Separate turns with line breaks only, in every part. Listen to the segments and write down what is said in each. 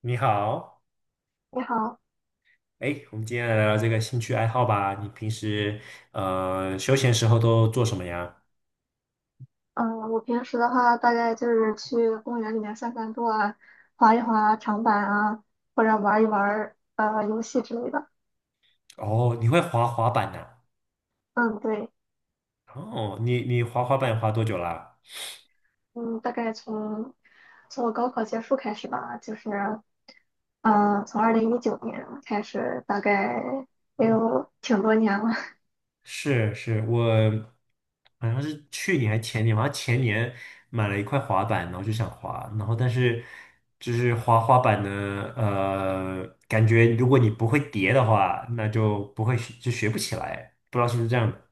你好。
你好。
哎，我们今天来聊聊这个兴趣爱好吧。你平时休闲时候都做什么呀？
嗯，我平时的话，大概就是去公园里面散散步啊，滑一滑长板啊，或者玩一玩游戏之类的。
哦，你会滑滑板呐？
嗯，对。
哦，你滑滑板滑多久啦？
嗯，大概从我高考结束开始吧，就是从2019年开始，大概也
嗯，
有挺多年了。
是，我好像是去年还前年，好像前年买了一块滑板，然后就想滑，然后但是就是滑滑板呢，感觉如果你不会叠的话，那就不会学就学不起来，不知道是不是这样的。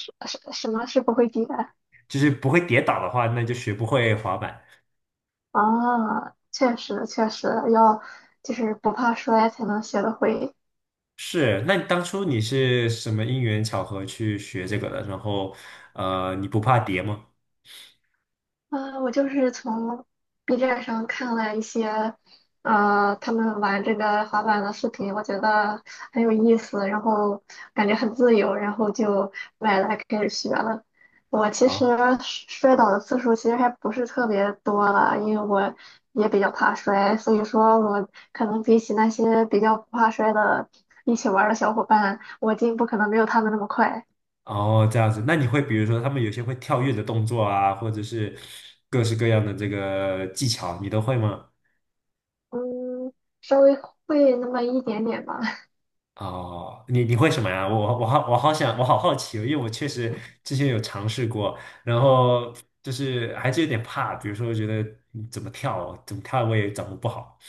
什么是不会比的
就是不会跌倒的话，那就学不会滑板。
啊？确实，确实要就是不怕摔才能学得会。
是。那你当初你是什么因缘巧合去学这个的？然后，你不怕跌吗？
我就是从 B 站上看了一些，他们玩这个滑板的视频，我觉得很有意思，然后感觉很自由，然后就买来开始学了。我其实
啊，
摔倒的次数其实还不是特别多了，因为我也比较怕摔，所以说我可能比起那些比较不怕摔的一起玩儿的小伙伴，我进步可能没有他们那么快。
哦，这样子。那你会比如说他们有些会跳跃的动作啊，或者是各式各样的这个技巧，你都会吗？
嗯，稍微会那么一点点吧。
哦，你会什么呀？我好奇哦，因为我确实之前有尝试过，然后就是还是有点怕，比如说觉得怎么跳哦，怎么跳我也掌握不好。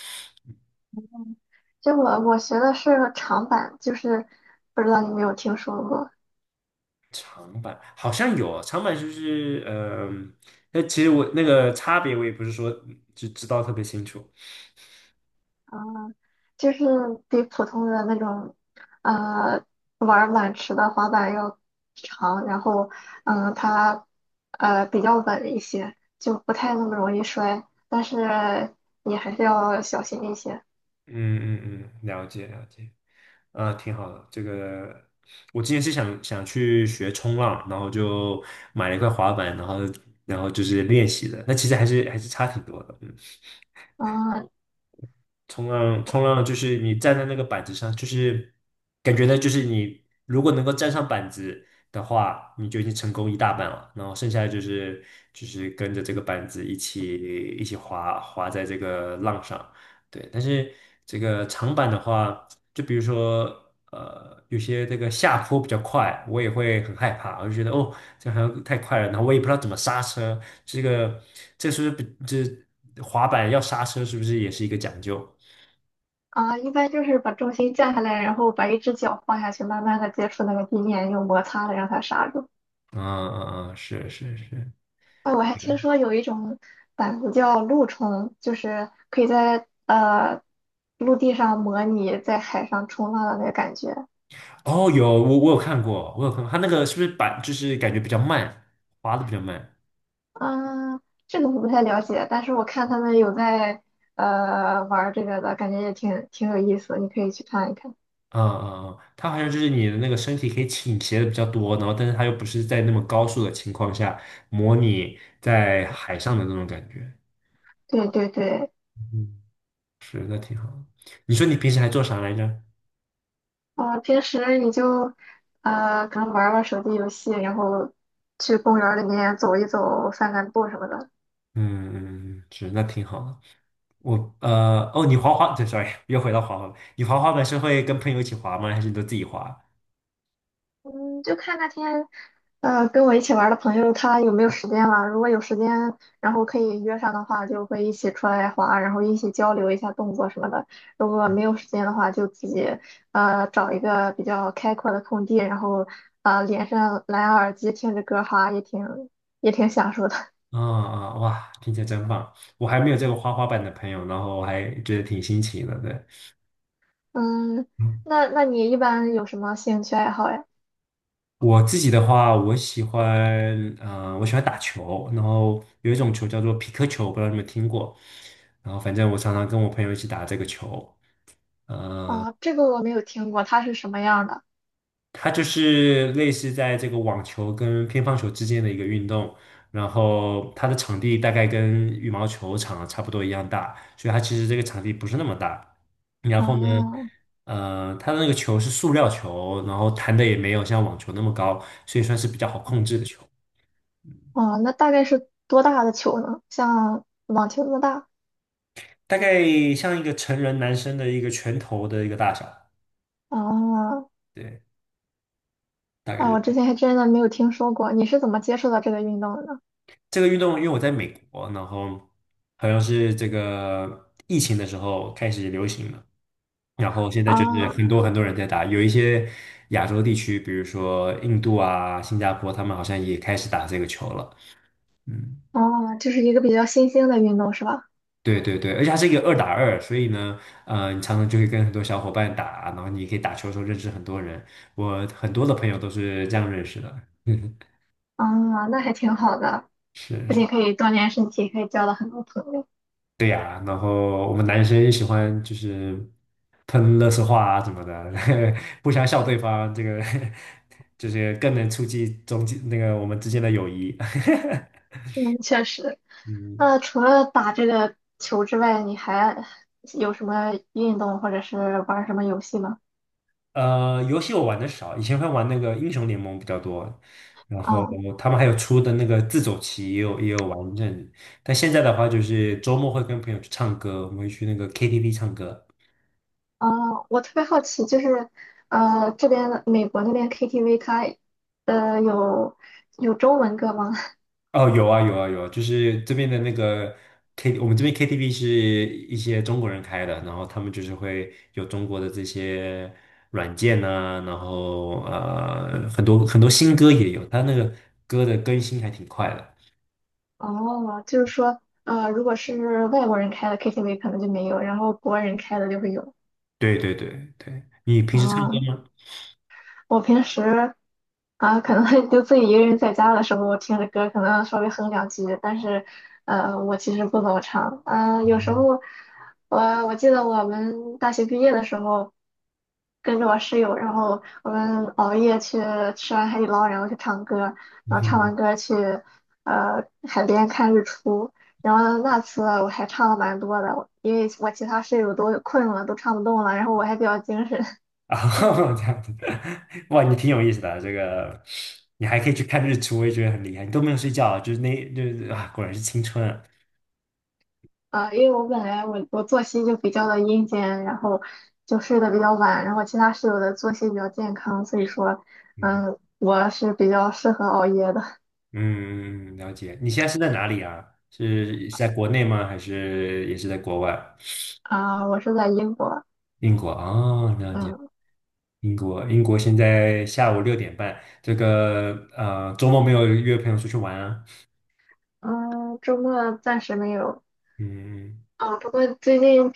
就我学的是长板，就是不知道你有没有听说过，
长板好像有长板，就是嗯，那、其实我那个差别我也不是说就知道特别清楚。
就是比普通的那种呃玩板池的滑板要长，然后它比较稳一些，就不太那么容易摔，但是你还是要小心一些。
嗯，了解了解。啊，挺好的。这个我之前是想去学冲浪，然后就买了一块滑板，然后然后就是练习的。那其实还是还是差挺多的。嗯。
嗯
冲浪，冲浪就是你站在那个板子上，就是感觉呢，就是你如果能够站上板子的话，你就已经成功一大半了。然后剩下的就是就是跟着这个板子一起滑在这个浪上。对，但是这个长板的话，就比如说有些这个下坡比较快，我也会很害怕，我就觉得哦，这好像太快了，然后我也不知道怎么刹车。这个这是不是比这滑板要刹车是不是也是一个讲究？
啊，一般就是把重心降下来，然后把一只脚放下去，慢慢的接触那个地面，用摩擦的让它刹住。
嗯，是是是。
哦，我还听说有一种板子叫陆冲，就是可以在陆地上模拟在海上冲浪的那个感觉。
哦，我有看过，我有看过，它那个是不是板就是感觉比较慢，滑的比较慢。
嗯，这个我不太了解，但是我看他们有在玩儿这个的，感觉也挺有意思，你可以去看一看。
嗯，它好像就是你的那个身体可以倾斜的比较多，然后但是它又不是在那么高速的情况下模拟在海上的那种感觉。
对对对。
嗯，是那挺好的。你说你平时还做啥来着？
啊、平时你就可能玩儿玩儿手机游戏，然后去公园儿里面走一走、散散步什么的。
嗯嗯，嗯是那挺好的。我哦，你滑滑，对，sorry，又回到滑滑板，你滑滑板是会跟朋友一起滑吗？还是你都自己滑？
嗯，就看那天跟我一起玩儿的朋友他有没有时间了？如果有时间，然后可以约上的话，就会一起出来滑，然后一起交流一下动作什么的。如果没有时间的话，就自己找一个比较开阔的空地，然后连上蓝牙耳机听着歌哈，也挺享受的。
啊啊，哇，听起来真棒！我还没有这个花花板的朋友，然后我还觉得挺新奇的。对。
嗯，
嗯，
那你一般有什么兴趣爱好呀？
我自己的话，我喜欢，我喜欢打球，然后有一种球叫做匹克球，不知道你们听过。然后反正我常常跟我朋友一起打这个球。
啊，这个我没有听过，它是什么样的？
它就是类似在这个网球跟乒乓球之间的一个运动，然后它的场地大概跟羽毛球场啊差不多一样大，所以它其实这个场地不是那么大。然后呢，
哦
它的那个球是塑料球，然后弹的也没有像网球那么高，所以算是比较好控制的球。
哦，那大概是多大的球呢？像网球那么大？
大概像一个成人男生的一个拳头的一个大小。
哦。
对，大概就
啊，我之
是
前还真的没有听说过，你是怎么接触到这个运动的呢？
这个运动，因为我在美国，然后好像是这个疫情的时候开始流行的。然后现在就是
啊。
很多很多人在打，有一些亚洲地区，比如说印度啊、新加坡，他们好像也开始打这个球了。嗯，
哦，就是一个比较新兴的运动是吧？
对对对，而且它是一个二打二，所以呢，你常常就会跟很多小伙伴打，然后你可以打球的时候认识很多人。我很多的朋友都是这样认识的。
啊，那还挺好的，
是
不
是。
仅可以锻炼身体，可以交到很多朋友。
对呀，然后我们男生也喜欢就是喷垃圾话啊什么的，互相笑对方，这个 就是更能促进中间那个我们之间的友谊。
嗯，确实。
嗯，
那除了打这个球之外，你还有什么运动或者是玩什么游戏吗？
游戏我玩的少，以前会玩那个英雄联盟比较多，然后
哦。
他们还有出的那个自走棋也有也有玩一阵子。但现在的话就是周末会跟朋友去唱歌，我们会去那个 KTV 唱歌。
哦，我特别好奇，就是这边美国那边 KTV 它呃有有中文歌吗？
哦，有啊，有啊，有啊，就是这边的那个 K，我们这边 KTV 是一些中国人开的，然后他们就是会有中国的这些软件呐、然后很多很多新歌也有，他那个歌的更新还挺快的。
哦，就是说，如果是外国人开的 KTV 可能就没有，然后国人开的就会有。
对对对对，你平时唱歌
哦，
吗？
我平时啊，可能 就自己一个人在家的时候，我听着歌可能稍微哼两句，但是我其实不怎么唱。嗯、有时
嗯
候我记得我们大学毕业的时候，跟着我室友，然后我们熬夜去吃完海底捞，然后去唱歌，然后唱
嗯。
完歌去海边看日出。然后那次我还唱了蛮多的，因为我其他室友都困了，都唱不动了，然后我还比较精神。
啊，这样子，哇，你挺有意思的啊这个你还可以去看日出，我也觉得很厉害。你都没有睡觉啊，就是那就是啊，果然是青春啊。
因为我本来我作息就比较的阴间，然后就睡得比较晚，然后其他室友的作息比较健康，所以说，我是比较适合熬夜的。
嗯，了解。你现在是在哪里啊？是是在国内吗？还是也是在国外？
啊，我是在英国。
英国啊，哦了解。
嗯
英国，英国现在下午6:30。这个周末没有约朋友出去玩啊？
嗯，周末暂时没有。
嗯，
啊，不过最近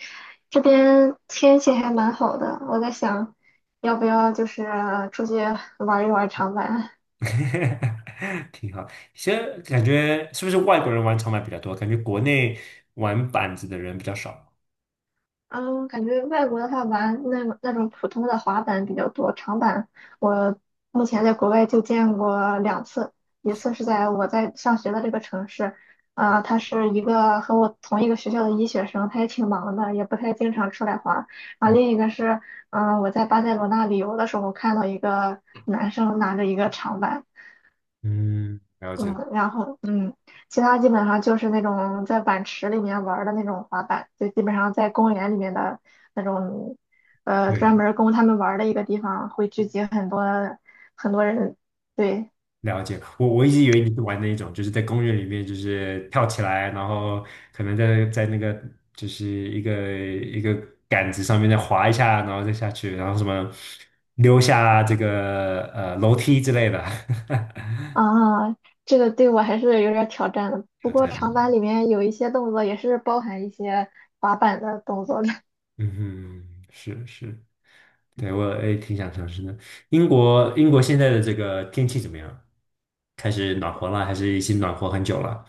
这边天气还蛮好的，我在想要不要就是出去玩一玩长板。
挺好。其实感觉是不是外国人玩长板比较多？感觉国内玩板子的人比较少。
嗯，感觉外国的话玩那种普通的滑板比较多，长板我目前在国外就见过两次，一次是在我在上学的这个城市，啊、他是一个和我同一个学校的医学生，他也挺忙的，也不太经常出来滑。啊，另一个是，我在巴塞罗那旅游的时候看到一个男生拿着一个长板。
嗯，了
嗯，
解。
然后其他基本上就是那种在碗池里面玩儿的那种滑板，就基本上在公园里面的那种，专
对，
门儿供他们玩儿的一个地方，会聚集很多很多人。对
了解。我我一直以为你是玩那一种，就是在公园里面，就是跳起来，然后可能在在那个就是一个一个杆子上面再滑一下，然后再下去，然后什么溜下这个楼梯之类的。
啊，这个对我还是有点儿挑战的。不过长板里面有一些动作也是包含一些滑板的动作的。
嗯哼，是是。对，我也挺想尝试的。英国英国现在的这个天气怎么样？开始暖和了，还是已经暖和很久了？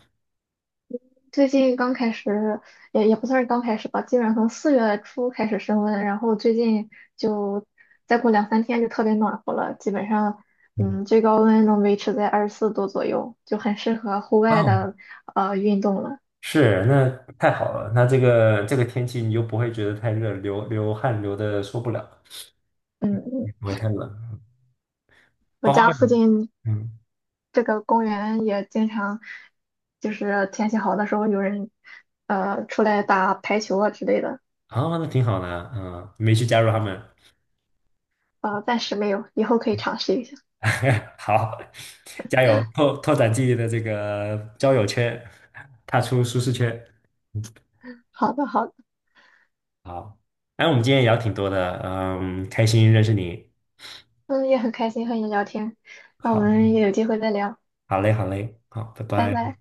最近刚开始，也不算是刚开始吧，基本上从四月初开始升温，然后最近就再过两三天就特别暖和了，基本上，
嗯，
最高温能维持在24度左右，就很适合户外的运动了。
是，那太好了。那这个这个天气，你就不会觉得太热，流流汗流的受不了，
嗯，嗯
不会太冷。
我
花花
家附
们，
近
嗯。
这个公园也经常，就是天气好的时候有人出来打排球啊之类的。
啊，那挺好的啊嗯，没去加入他们。
暂时没有，以后可以尝试一下。
好，加油，拓展自己的这个交友圈，踏出舒适圈。嗯。
好的，好的。
好，哎，我们今天也聊挺多的，嗯，开心认识你。
嗯，也很开心和你聊天，那我
好，
们也有机会再聊，
好嘞，好嘞，好，拜
拜
拜。
拜。